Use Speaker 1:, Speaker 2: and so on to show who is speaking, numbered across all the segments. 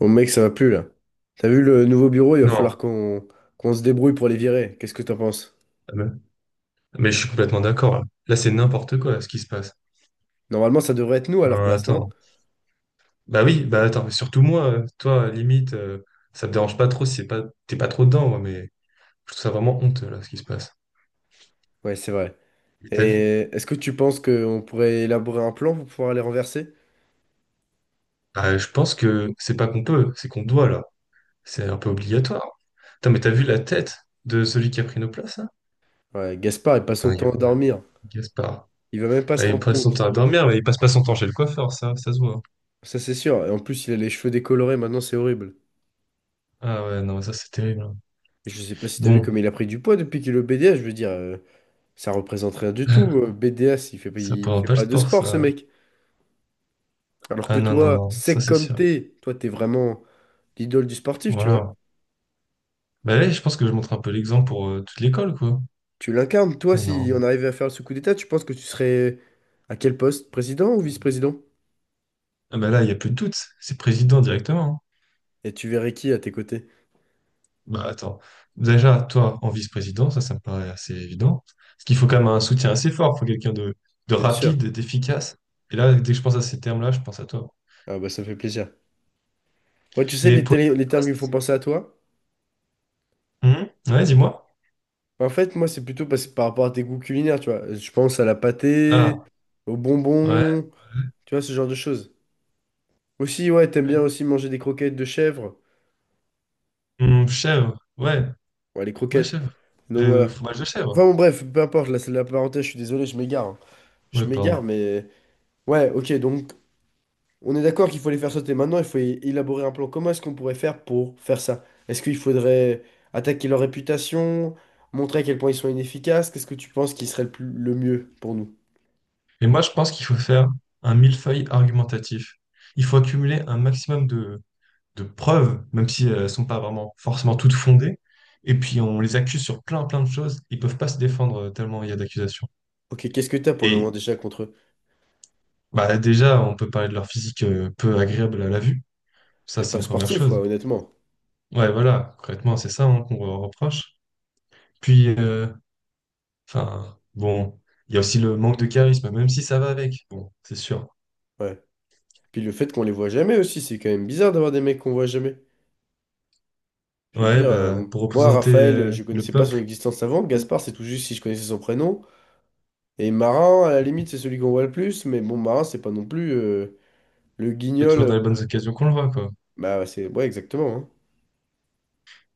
Speaker 1: Bon mec, ça va plus là. T'as vu le nouveau bureau, il va
Speaker 2: Non,
Speaker 1: falloir qu'on se débrouille pour les virer. Qu'est-ce que t'en penses?
Speaker 2: ah, mais je suis complètement d'accord. Là, c'est n'importe quoi ce qui se passe.
Speaker 1: Normalement, ça devrait être nous à leur
Speaker 2: Non,
Speaker 1: place, non?
Speaker 2: attends. Bah oui, bah attends, mais surtout moi, toi, limite, ça me dérange pas trop si c'est pas, t'es pas trop dedans, moi, mais je trouve ça vraiment honteux, là, ce qui se passe.
Speaker 1: Ouais, c'est vrai.
Speaker 2: Mais t'as vu?
Speaker 1: Et est-ce que tu penses qu'on pourrait élaborer un plan pour pouvoir les renverser?
Speaker 2: Bah, je pense que c'est pas qu'on peut, c'est qu'on doit, là. C'est un peu obligatoire. Putain, mais t'as vu la tête de celui qui a pris nos places, là?
Speaker 1: Ouais, Gaspard, il passe son
Speaker 2: Putain, il y a
Speaker 1: temps à
Speaker 2: quoi, là,
Speaker 1: dormir.
Speaker 2: Gaspard.
Speaker 1: Il va même pas
Speaker 2: Ah,
Speaker 1: se
Speaker 2: il
Speaker 1: rendre
Speaker 2: passe son
Speaker 1: compte.
Speaker 2: temps à dormir, mais il passe pas son temps chez le coiffeur, ça se voit.
Speaker 1: Ça, c'est sûr. Et en plus, il a les cheveux décolorés, maintenant, c'est horrible.
Speaker 2: Ah ouais, non, ça, c'est terrible, hein.
Speaker 1: Et je sais pas si t'as vu comme
Speaker 2: Bon,
Speaker 1: il a pris du poids depuis qu'il est au BDS. Je veux dire, ça représente rien du tout. BDS, il fait,
Speaker 2: ça
Speaker 1: il
Speaker 2: prend
Speaker 1: fait
Speaker 2: pas le
Speaker 1: pas de
Speaker 2: sport,
Speaker 1: sport, ce
Speaker 2: ça.
Speaker 1: mec. Alors
Speaker 2: Ah
Speaker 1: que
Speaker 2: non, non,
Speaker 1: toi,
Speaker 2: non, ça
Speaker 1: sec
Speaker 2: c'est
Speaker 1: comme
Speaker 2: sûr.
Speaker 1: t'es, toi, t'es vraiment, l'idole du sportif, tu vois.
Speaker 2: Voilà. Bah là, je pense que je montre un peu l'exemple pour toute l'école, quoi.
Speaker 1: Tu l'incarnes. Toi,
Speaker 2: Mais
Speaker 1: si
Speaker 2: non.
Speaker 1: on arrivait à faire ce coup d'état, tu penses que tu serais à quel poste? Président ou vice-président?
Speaker 2: Ah bah là, il n'y a plus de doute. C'est président directement, hein.
Speaker 1: Et tu verrais qui à tes côtés?
Speaker 2: Bah attends. Déjà, toi, en vice-président, ça me paraît assez évident. Parce qu'il faut quand même un soutien assez fort. Il faut quelqu'un de
Speaker 1: Bien sûr.
Speaker 2: rapide, d'efficace. Et là, dès que je pense à ces termes-là, je pense à toi.
Speaker 1: Ah bah ça me fait plaisir. Ouais, tu sais,
Speaker 2: Mais
Speaker 1: les,
Speaker 2: pour une
Speaker 1: télé-
Speaker 2: autre
Speaker 1: les termes qui me font
Speaker 2: poste.
Speaker 1: penser à toi,
Speaker 2: Ouais, dis-moi.
Speaker 1: en fait, moi, c'est plutôt parce que par rapport à tes goûts culinaires, tu vois. Je pense à la pâtée,
Speaker 2: Ah,
Speaker 1: aux
Speaker 2: ouais.
Speaker 1: bonbons, tu vois, ce genre de choses. Aussi, ouais, t'aimes bien aussi manger des croquettes de chèvre.
Speaker 2: Chèvre. Ouais,
Speaker 1: Ouais, les
Speaker 2: ouais,
Speaker 1: croquettes.
Speaker 2: chèvre.
Speaker 1: Donc
Speaker 2: Le
Speaker 1: voilà.
Speaker 2: fromage de chèvre.
Speaker 1: Enfin bon, bref, peu importe, là, c'est de la parenthèse, je suis désolé, je m'égare, hein.
Speaker 2: Ouais,
Speaker 1: Je m'égare,
Speaker 2: pardon.
Speaker 1: mais... Ouais, ok, donc on est d'accord qu'il faut les faire sauter. Maintenant, il faut élaborer un plan. Comment est-ce qu'on pourrait faire pour faire ça? Est-ce qu'il faudrait attaquer leur réputation, montrer à quel point ils sont inefficaces? Qu'est-ce que tu penses qui serait le mieux pour nous?
Speaker 2: Et moi, je pense qu'il faut faire un millefeuille argumentatif. Il faut accumuler un maximum de preuves, même si elles ne sont pas vraiment forcément toutes fondées. Et puis, on les accuse sur plein, plein de choses. Ils peuvent pas se défendre, tellement il y a d'accusations.
Speaker 1: Ok, qu'est-ce que t'as pour le moment
Speaker 2: Et
Speaker 1: déjà contre eux?
Speaker 2: bah, déjà, on peut parler de leur physique peu agréable à la vue. Ça,
Speaker 1: Mais
Speaker 2: c'est
Speaker 1: pas
Speaker 2: une première
Speaker 1: sportif,
Speaker 2: chose.
Speaker 1: quoi, honnêtement.
Speaker 2: Ouais, voilà, concrètement, c'est ça, hein, qu'on leur reproche. Puis, enfin, bon, il y a aussi le manque de charisme, même si ça va avec. Bon, c'est sûr.
Speaker 1: Ouais. Puis le fait qu'on les voit jamais aussi, c'est quand même bizarre d'avoir des mecs qu'on voit jamais. Je veux
Speaker 2: Ouais,
Speaker 1: dire,
Speaker 2: bah, pour
Speaker 1: moi,
Speaker 2: représenter
Speaker 1: Raphaël, je
Speaker 2: le
Speaker 1: connaissais pas
Speaker 2: peuple.
Speaker 1: son existence avant. Gaspard, c'est tout juste si je connaissais son prénom. Et Marin, à la limite, c'est celui qu'on voit le plus. Mais bon, Marin, c'est pas non plus le
Speaker 2: Pas toujours dans
Speaker 1: guignol.
Speaker 2: les bonnes occasions qu'on le voit, quoi.
Speaker 1: Bah. Ouais, exactement, hein.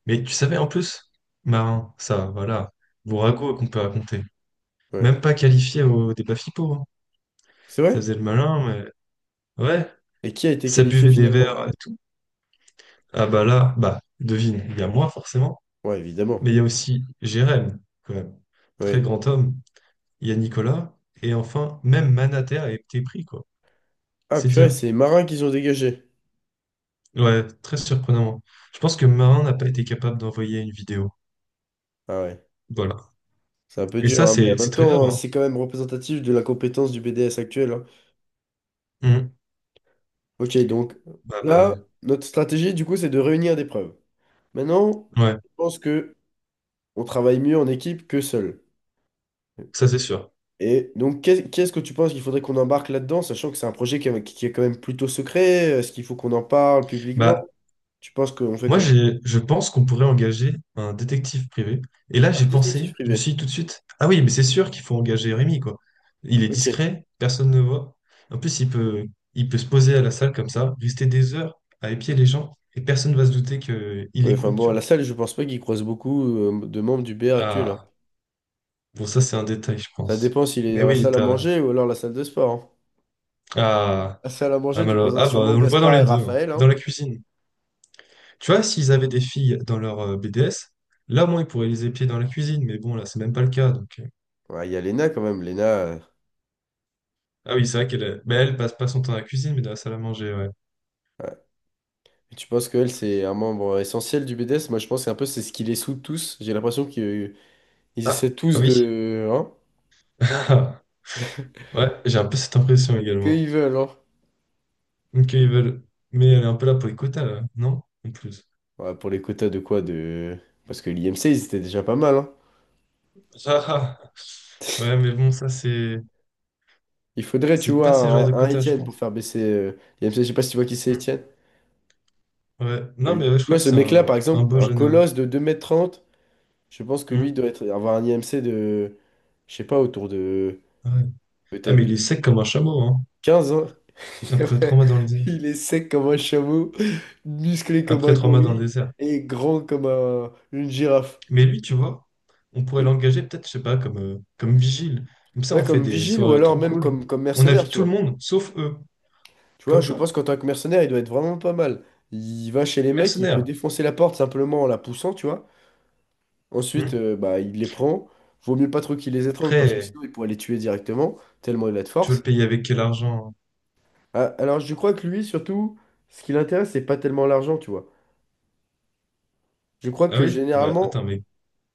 Speaker 2: Mais tu savais, en plus, Marin, ça, voilà, vos ragots qu'on peut raconter.
Speaker 1: Ouais.
Speaker 2: Même pas qualifié au débat FIPO, hein.
Speaker 1: C'est
Speaker 2: Ça
Speaker 1: vrai?
Speaker 2: faisait le malin, mais ouais,
Speaker 1: Et qui a été
Speaker 2: ça
Speaker 1: qualifié
Speaker 2: buvait des
Speaker 1: finalement?
Speaker 2: verres et tout. Ah bah là, bah, devine, il y a moi forcément,
Speaker 1: Ouais,
Speaker 2: mais
Speaker 1: évidemment.
Speaker 2: il y a aussi Jérém, quand même. Très
Speaker 1: Oui.
Speaker 2: grand homme. Il y a Nicolas, et enfin, même Manater a été pris, quoi.
Speaker 1: Ah,
Speaker 2: C'est
Speaker 1: purée,
Speaker 2: dire.
Speaker 1: c'est les marins qu'ils ont dégagé.
Speaker 2: Ouais, très surprenant. Je pense que Marin n'a pas été capable d'envoyer une vidéo.
Speaker 1: Ah ouais.
Speaker 2: Voilà.
Speaker 1: C'est un peu
Speaker 2: Et
Speaker 1: dur,
Speaker 2: ça,
Speaker 1: hein, mais
Speaker 2: c'est
Speaker 1: en
Speaker 2: c'est
Speaker 1: même
Speaker 2: très grave,
Speaker 1: temps, hein,
Speaker 2: hein.
Speaker 1: c'est quand même représentatif de la compétence du BDS actuel, hein.
Speaker 2: Mhm.
Speaker 1: Ok, donc
Speaker 2: Bah, bah,
Speaker 1: là,
Speaker 2: ouais.
Speaker 1: notre stratégie, du coup, c'est de réunir des preuves. Maintenant,
Speaker 2: Ouais.
Speaker 1: je pense que on travaille mieux en équipe que seul.
Speaker 2: Ça, c'est sûr.
Speaker 1: Et donc, qu'est-ce que tu penses qu'il faudrait qu'on embarque là-dedans, sachant que c'est un projet qui est quand même plutôt secret? Est-ce qu'il faut qu'on en parle
Speaker 2: Bah,
Speaker 1: publiquement? Tu penses qu'on fait
Speaker 2: moi,
Speaker 1: comment?
Speaker 2: je pense qu'on pourrait engager un détective privé. Et là,
Speaker 1: Ah,
Speaker 2: j'ai pensé,
Speaker 1: détective
Speaker 2: je me suis
Speaker 1: privé.
Speaker 2: dit tout de suite, ah oui, mais c'est sûr qu'il faut engager Rémi, quoi. Il est
Speaker 1: Ok.
Speaker 2: discret, personne ne voit. En plus, il peut se poser à la salle comme ça, rester des heures à épier les gens, et personne ne va se douter qu'il
Speaker 1: Ouais, enfin
Speaker 2: écoute, tu
Speaker 1: bon, à
Speaker 2: vois.
Speaker 1: la salle, je pense pas qu'il croise beaucoup de membres du BR actuel, hein.
Speaker 2: Ah, bon, ça, c'est un détail, je
Speaker 1: Ça
Speaker 2: pense.
Speaker 1: dépend s'il est
Speaker 2: Mais
Speaker 1: dans la
Speaker 2: oui,
Speaker 1: salle à
Speaker 2: t'as...
Speaker 1: manger ou alors la salle de sport, hein.
Speaker 2: Ah,
Speaker 1: La salle à
Speaker 2: ah,
Speaker 1: manger, tu croiseras
Speaker 2: ah, bah,
Speaker 1: sûrement
Speaker 2: on le voit dans
Speaker 1: Gaspard
Speaker 2: les
Speaker 1: et
Speaker 2: deux, hein.
Speaker 1: Raphaël,
Speaker 2: Dans
Speaker 1: hein.
Speaker 2: la cuisine. Tu vois, s'ils avaient des filles dans leur BDS, là, au moins, ils pourraient les épier dans la cuisine. Mais bon, là, c'est même pas le cas. Donc.
Speaker 1: Ouais, il y a Léna quand même. Léna,
Speaker 2: Ah oui, c'est vrai mais elle passe pas son temps à la cuisine, mais dans la salle à manger, ouais.
Speaker 1: ouais. Et tu penses qu'elle, c'est un membre essentiel du BDS? Moi, je pense qu'un peu c'est ce qui les soude tous. J'ai l'impression qu'ils ils
Speaker 2: Ah,
Speaker 1: essaient
Speaker 2: ah
Speaker 1: tous
Speaker 2: oui.
Speaker 1: de. Hein?
Speaker 2: Ouais, j'ai un peu cette impression également.
Speaker 1: Qu'ils veulent, hein.
Speaker 2: Donc, ils veulent... Mais elle est un peu là pour les quotas, là, non? En plus.
Speaker 1: Ouais, pour les quotas de quoi de. Parce que l'IMC, ils étaient déjà pas mal, hein.
Speaker 2: Ah, ah. Ouais, mais bon, ça, c'est...
Speaker 1: Il faudrait, tu
Speaker 2: C'est pas ce genre de
Speaker 1: vois, un
Speaker 2: quotas, je
Speaker 1: Étienne pour
Speaker 2: pense.
Speaker 1: faire baisser l'IMC, je sais pas si tu vois qui c'est
Speaker 2: Mm.
Speaker 1: Étienne.
Speaker 2: Ouais.
Speaker 1: Mais
Speaker 2: Non,
Speaker 1: lui,
Speaker 2: mais ouais, je
Speaker 1: tu
Speaker 2: crois
Speaker 1: vois,
Speaker 2: que
Speaker 1: ce
Speaker 2: c'est
Speaker 1: mec-là,
Speaker 2: un...
Speaker 1: par
Speaker 2: un
Speaker 1: exemple,
Speaker 2: beau
Speaker 1: un
Speaker 2: jeune homme.
Speaker 1: colosse de 2,30 m, je pense que lui
Speaker 2: Mm.
Speaker 1: doit être, avoir un IMC de, je sais pas, autour de
Speaker 2: Ouais. Ah,
Speaker 1: peut-être
Speaker 2: mais il est
Speaker 1: de
Speaker 2: sec comme un chameau, hein.
Speaker 1: 15, hein.
Speaker 2: Après trois mois dans le désert.
Speaker 1: Il est sec comme un chameau, musclé comme
Speaker 2: Après
Speaker 1: un
Speaker 2: trois mois dans le
Speaker 1: gorille
Speaker 2: désert.
Speaker 1: et grand comme une girafe.
Speaker 2: Mais lui, tu vois, on pourrait
Speaker 1: Mais-
Speaker 2: l'engager peut-être, je sais pas, comme vigile. Comme ça, on
Speaker 1: ouais,
Speaker 2: fait
Speaker 1: comme
Speaker 2: des
Speaker 1: vigile ou
Speaker 2: soirées
Speaker 1: alors
Speaker 2: trop
Speaker 1: même
Speaker 2: cool.
Speaker 1: comme
Speaker 2: On
Speaker 1: mercenaire,
Speaker 2: invite
Speaker 1: tu
Speaker 2: tout le
Speaker 1: vois.
Speaker 2: monde, sauf eux.
Speaker 1: Tu vois,
Speaker 2: Comme
Speaker 1: je
Speaker 2: quoi?
Speaker 1: pense qu'en tant que mercenaire, il doit être vraiment pas mal. Il va chez les mecs, il peut
Speaker 2: Mercenaire.
Speaker 1: défoncer la porte simplement en la poussant, tu vois.
Speaker 2: Hmm.
Speaker 1: Ensuite, bah, il les prend. Vaut mieux pas trop qu'il les étrangle parce que
Speaker 2: Après,
Speaker 1: sinon il pourrait les tuer directement, tellement il a de
Speaker 2: tu veux le
Speaker 1: force.
Speaker 2: payer avec quel argent?
Speaker 1: Ah, alors je crois que lui, surtout, ce qui l'intéresse, c'est pas tellement l'argent, tu vois. Je crois
Speaker 2: Ah
Speaker 1: que
Speaker 2: oui? Bah attends,
Speaker 1: généralement,
Speaker 2: mais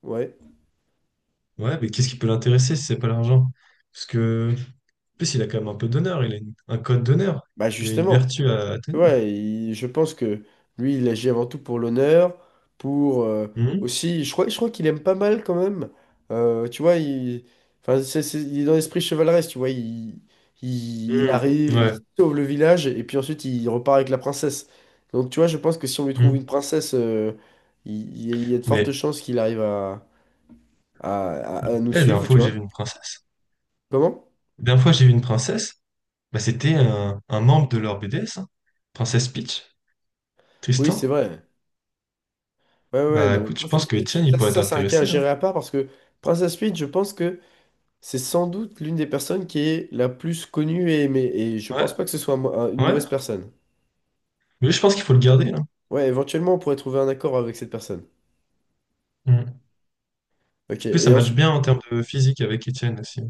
Speaker 1: ouais,
Speaker 2: ouais, mais qu'est-ce qui peut l'intéresser si c'est pas l'argent? Parce que, en plus, il a quand même un peu d'honneur, il a un code d'honneur,
Speaker 1: bah
Speaker 2: il a une
Speaker 1: justement.
Speaker 2: vertu à
Speaker 1: Tu
Speaker 2: tenir.
Speaker 1: vois, je pense que lui, il agit avant tout pour l'honneur, pour
Speaker 2: Hmm.
Speaker 1: aussi, je crois qu'il aime pas mal quand même. Tu vois, il, enfin, il est dans l'esprit chevaleresque, tu vois, il,
Speaker 2: Hmm.
Speaker 1: arrive,
Speaker 2: Ouais.
Speaker 1: il sauve le village, et puis ensuite il repart avec la princesse. Donc tu vois, je pense que si on lui trouve une
Speaker 2: Hmm.
Speaker 1: princesse, il y a de fortes
Speaker 2: Mais,
Speaker 1: chances qu'il arrive à,
Speaker 2: eh,
Speaker 1: à nous
Speaker 2: la dernière
Speaker 1: suivre,
Speaker 2: fois
Speaker 1: tu
Speaker 2: que j'ai vu
Speaker 1: vois.
Speaker 2: une princesse,
Speaker 1: Comment?
Speaker 2: la dernière fois que j'ai vu une princesse, bah, c'était un membre de leur BDS, hein. Princesse Peach,
Speaker 1: Oui, c'est
Speaker 2: Tristan.
Speaker 1: vrai. Ouais, ouais, ouais,
Speaker 2: Bah
Speaker 1: non, mais
Speaker 2: écoute, je pense
Speaker 1: Princess
Speaker 2: que Étienne,
Speaker 1: Peach,
Speaker 2: il
Speaker 1: ça,
Speaker 2: pourrait être
Speaker 1: ça c'est un cas à
Speaker 2: intéressé, hein.
Speaker 1: gérer à part parce que Princess Peach. C'est sans doute l'une des personnes qui est la plus connue et aimée, et je
Speaker 2: Ouais,
Speaker 1: pense pas que ce soit une
Speaker 2: ouais.
Speaker 1: mauvaise personne.
Speaker 2: Mais je pense qu'il faut le garder, hein.
Speaker 1: Ouais, éventuellement, on pourrait trouver un accord avec cette personne.
Speaker 2: Mm. En
Speaker 1: Ok,
Speaker 2: plus, ça
Speaker 1: et
Speaker 2: matche
Speaker 1: ensuite.
Speaker 2: bien en termes de physique avec Étienne aussi.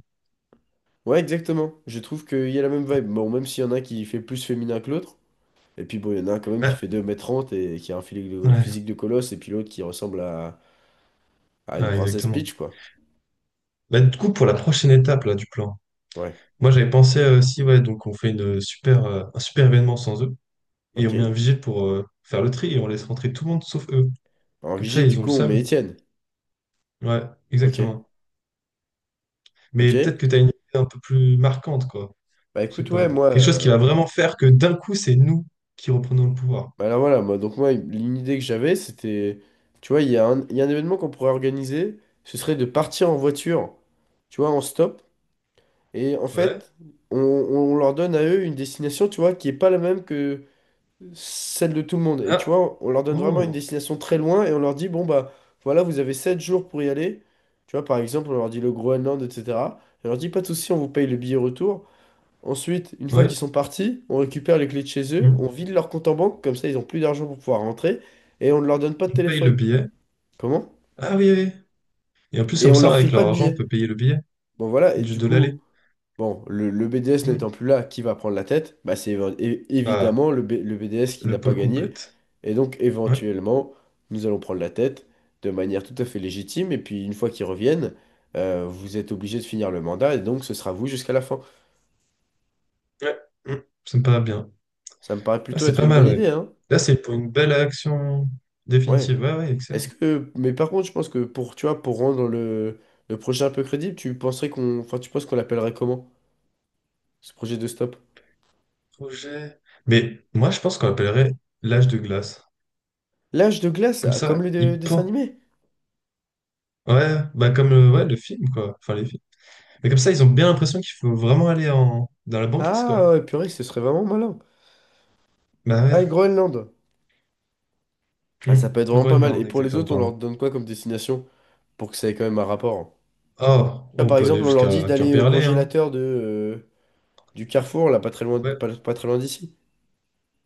Speaker 1: Ouais, exactement. Je trouve qu'il y a la même vibe. Bon, même s'il y en a un qui fait plus féminin que l'autre, et puis bon, il y en a un quand même qui
Speaker 2: Ouais,
Speaker 1: fait 2,30 m et qui a un physique de,
Speaker 2: ouais,
Speaker 1: physique de colosse, et puis l'autre qui ressemble à
Speaker 2: ouais,
Speaker 1: une princesse
Speaker 2: exactement.
Speaker 1: Peach, quoi.
Speaker 2: Bah, du coup, pour la prochaine étape là, du plan,
Speaker 1: Ouais,
Speaker 2: moi j'avais pensé, aussi, ouais, donc on fait un super événement sans eux et on
Speaker 1: ok.
Speaker 2: met un vigile pour faire le tri et on laisse rentrer tout le monde sauf eux.
Speaker 1: En
Speaker 2: Comme ça,
Speaker 1: vigile, du
Speaker 2: ils ont le
Speaker 1: coup, on met
Speaker 2: seum.
Speaker 1: Étienne.
Speaker 2: Ouais, exactement.
Speaker 1: Ok,
Speaker 2: Mais peut-être
Speaker 1: ok.
Speaker 2: que tu as une idée un peu plus marquante, quoi.
Speaker 1: Bah
Speaker 2: Je sais
Speaker 1: écoute, ouais,
Speaker 2: pas. Quelque chose qui va vraiment faire que d'un coup, c'est nous qui reprenons le pouvoir.
Speaker 1: bah là voilà, moi, donc moi, l'idée que j'avais, c'était, tu vois, il y a un événement qu'on pourrait organiser, ce serait de partir en voiture, tu vois, en stop, et en
Speaker 2: Ouais.
Speaker 1: fait, on leur donne à eux une destination, tu vois, qui est pas la même que celle de tout le monde. Et tu
Speaker 2: Ah.
Speaker 1: vois, on leur donne vraiment une
Speaker 2: Oh.
Speaker 1: destination très loin, et on leur dit, bon, bah voilà, vous avez 7 jours pour y aller, tu vois, par exemple, on leur dit le Groenland, etc. Et on leur dit, pas de souci, on vous paye le billet retour. Ensuite, une fois
Speaker 2: Ouais.
Speaker 1: qu'ils sont partis, on récupère les clés de chez eux,
Speaker 2: Hmm.
Speaker 1: on vide leur compte en banque, comme ça ils ont plus d'argent pour pouvoir rentrer, et on ne leur donne pas de
Speaker 2: On paye le
Speaker 1: téléphone.
Speaker 2: billet.
Speaker 1: Comment?
Speaker 2: Ah oui, oui. Et en plus,
Speaker 1: Et
Speaker 2: comme
Speaker 1: on
Speaker 2: ça,
Speaker 1: leur
Speaker 2: avec
Speaker 1: file pas
Speaker 2: leur
Speaker 1: de
Speaker 2: argent, on peut
Speaker 1: billets.
Speaker 2: payer le billet
Speaker 1: Bon voilà, et
Speaker 2: du
Speaker 1: du
Speaker 2: de l'aller.
Speaker 1: coup, bon, le BDS
Speaker 2: Hmm.
Speaker 1: n'étant plus là, qui va prendre la tête? Bah c'est
Speaker 2: Bah,
Speaker 1: évidemment le BDS qui
Speaker 2: le
Speaker 1: n'a pas
Speaker 2: pôle
Speaker 1: gagné.
Speaker 2: compète.
Speaker 1: Et donc
Speaker 2: Ouais.
Speaker 1: éventuellement, nous allons prendre la tête de manière tout à fait légitime, et puis une fois qu'ils reviennent, vous êtes obligé de finir le mandat, et donc ce sera vous jusqu'à la fin.
Speaker 2: Ouais. Hmm. Ça me paraît bien.
Speaker 1: Ça me paraît
Speaker 2: Ah,
Speaker 1: plutôt
Speaker 2: c'est
Speaker 1: être
Speaker 2: pas
Speaker 1: une
Speaker 2: mal,
Speaker 1: bonne
Speaker 2: ouais.
Speaker 1: idée, hein?
Speaker 2: Là, c'est pour une belle action
Speaker 1: Ouais.
Speaker 2: définitive. Ouais, ouais, excellent.
Speaker 1: Est-ce que, mais par contre, je pense que pour, tu vois, pour rendre le projet un peu crédible, enfin, tu penses qu'on l'appellerait comment, ce projet de stop?
Speaker 2: Projet. Mais moi, je pense qu'on appellerait l'âge de glace.
Speaker 1: L'âge de glace,
Speaker 2: Comme
Speaker 1: ah, comme
Speaker 2: ça,
Speaker 1: le
Speaker 2: il
Speaker 1: dessin
Speaker 2: pend.
Speaker 1: animé?
Speaker 2: Ouais, bah comme le, ouais, le film, quoi. Enfin, les films. Mais comme ça, ils ont bien l'impression qu'il faut vraiment aller dans la banquise, quoi.
Speaker 1: Ah, ouais, purée, ce serait vraiment malin.
Speaker 2: Bah ouais.
Speaker 1: Ah, et Groenland. Ah, ça
Speaker 2: Hmm.
Speaker 1: peut être vraiment pas mal.
Speaker 2: Groenland,
Speaker 1: Et pour les
Speaker 2: exactement,
Speaker 1: autres, on leur
Speaker 2: pardon.
Speaker 1: donne quoi comme destination pour que ça ait quand même un rapport, hein?
Speaker 2: Oh,
Speaker 1: Là,
Speaker 2: on
Speaker 1: par
Speaker 2: peut aller
Speaker 1: exemple, on leur dit
Speaker 2: jusqu'à
Speaker 1: d'aller au
Speaker 2: Quimperlé, hein.
Speaker 1: congélateur du Carrefour, là, pas très loin,
Speaker 2: Ouais.
Speaker 1: pas très loin d'ici,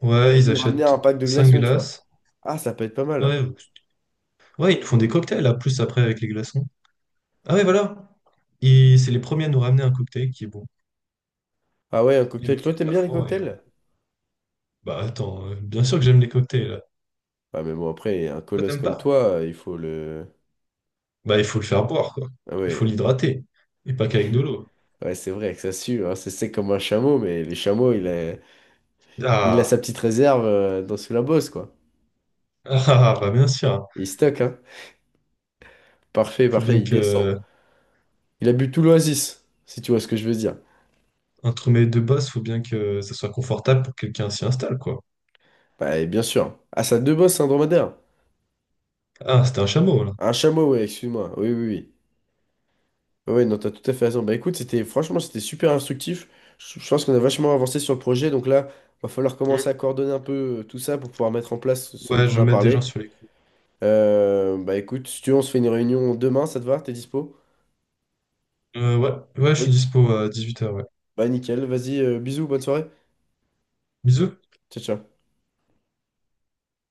Speaker 2: Ouais,
Speaker 1: et
Speaker 2: ils
Speaker 1: nous ramener
Speaker 2: achètent
Speaker 1: un pack de
Speaker 2: 5
Speaker 1: glaçons, tu vois.
Speaker 2: glaces.
Speaker 1: Ah, ça peut être pas mal.
Speaker 2: Ouais, ouais, ils font des cocktails, là, plus après avec les glaçons. Ah ouais, voilà. ils C'est les premiers à nous ramener un cocktail qui est bon.
Speaker 1: Ah ouais, un
Speaker 2: Ils vont
Speaker 1: cocktail. Toi,
Speaker 2: jusqu'au
Speaker 1: t'aimes bien les
Speaker 2: carrefour et ils
Speaker 1: cocktails?
Speaker 2: reviennent. Bah attends, bien sûr que j'aime les cocktails, là.
Speaker 1: Ah, mais bon, après, un
Speaker 2: Toi,
Speaker 1: colosse
Speaker 2: t'aimes
Speaker 1: comme
Speaker 2: pas?
Speaker 1: toi, il faut le.
Speaker 2: Bah, il faut le faire boire, quoi.
Speaker 1: Ah
Speaker 2: Il faut
Speaker 1: ouais,
Speaker 2: l'hydrater. Et pas qu'avec de l'eau.
Speaker 1: ouais, c'est vrai que ça sue, hein, c'est sec comme un chameau, mais les chameaux, il a sa
Speaker 2: Ah,
Speaker 1: petite réserve dans sous la bosse, quoi.
Speaker 2: ah, ah, bah bien sûr.
Speaker 1: Il stocke, hein. Parfait,
Speaker 2: Faut
Speaker 1: parfait,
Speaker 2: bien
Speaker 1: il descend.
Speaker 2: que.
Speaker 1: Il a bu tout l'oasis, si tu vois ce que je veux dire.
Speaker 2: Un sommeil de base, faut bien que ça soit confortable pour que quelqu'un s'y installe, quoi.
Speaker 1: Bah, et bien sûr. Ah, ça a deux bosses, un dromadaire.
Speaker 2: Ah, c'était un chameau, là.
Speaker 1: Un chameau, ouais, excuse-moi. Oui, oui, oui. Ouais, ouais, non, t'as tout à fait raison. Bah écoute, c'était franchement, c'était super instructif. Je pense qu'on a vachement avancé sur le projet, donc là, va falloir
Speaker 2: Hmm.
Speaker 1: commencer à coordonner un peu tout ça pour pouvoir mettre en place ce dont
Speaker 2: Ouais, je
Speaker 1: on
Speaker 2: vais
Speaker 1: a
Speaker 2: mettre des gens
Speaker 1: parlé.
Speaker 2: sur les coups.
Speaker 1: Bah écoute, si tu veux, on se fait une réunion demain, ça te va? T'es dispo?
Speaker 2: Ouais, ouais, je suis
Speaker 1: Oui.
Speaker 2: dispo à 18h, ouais.
Speaker 1: Bah nickel, vas-y, bisous, bonne soirée.
Speaker 2: Bisous.
Speaker 1: Ciao, ciao.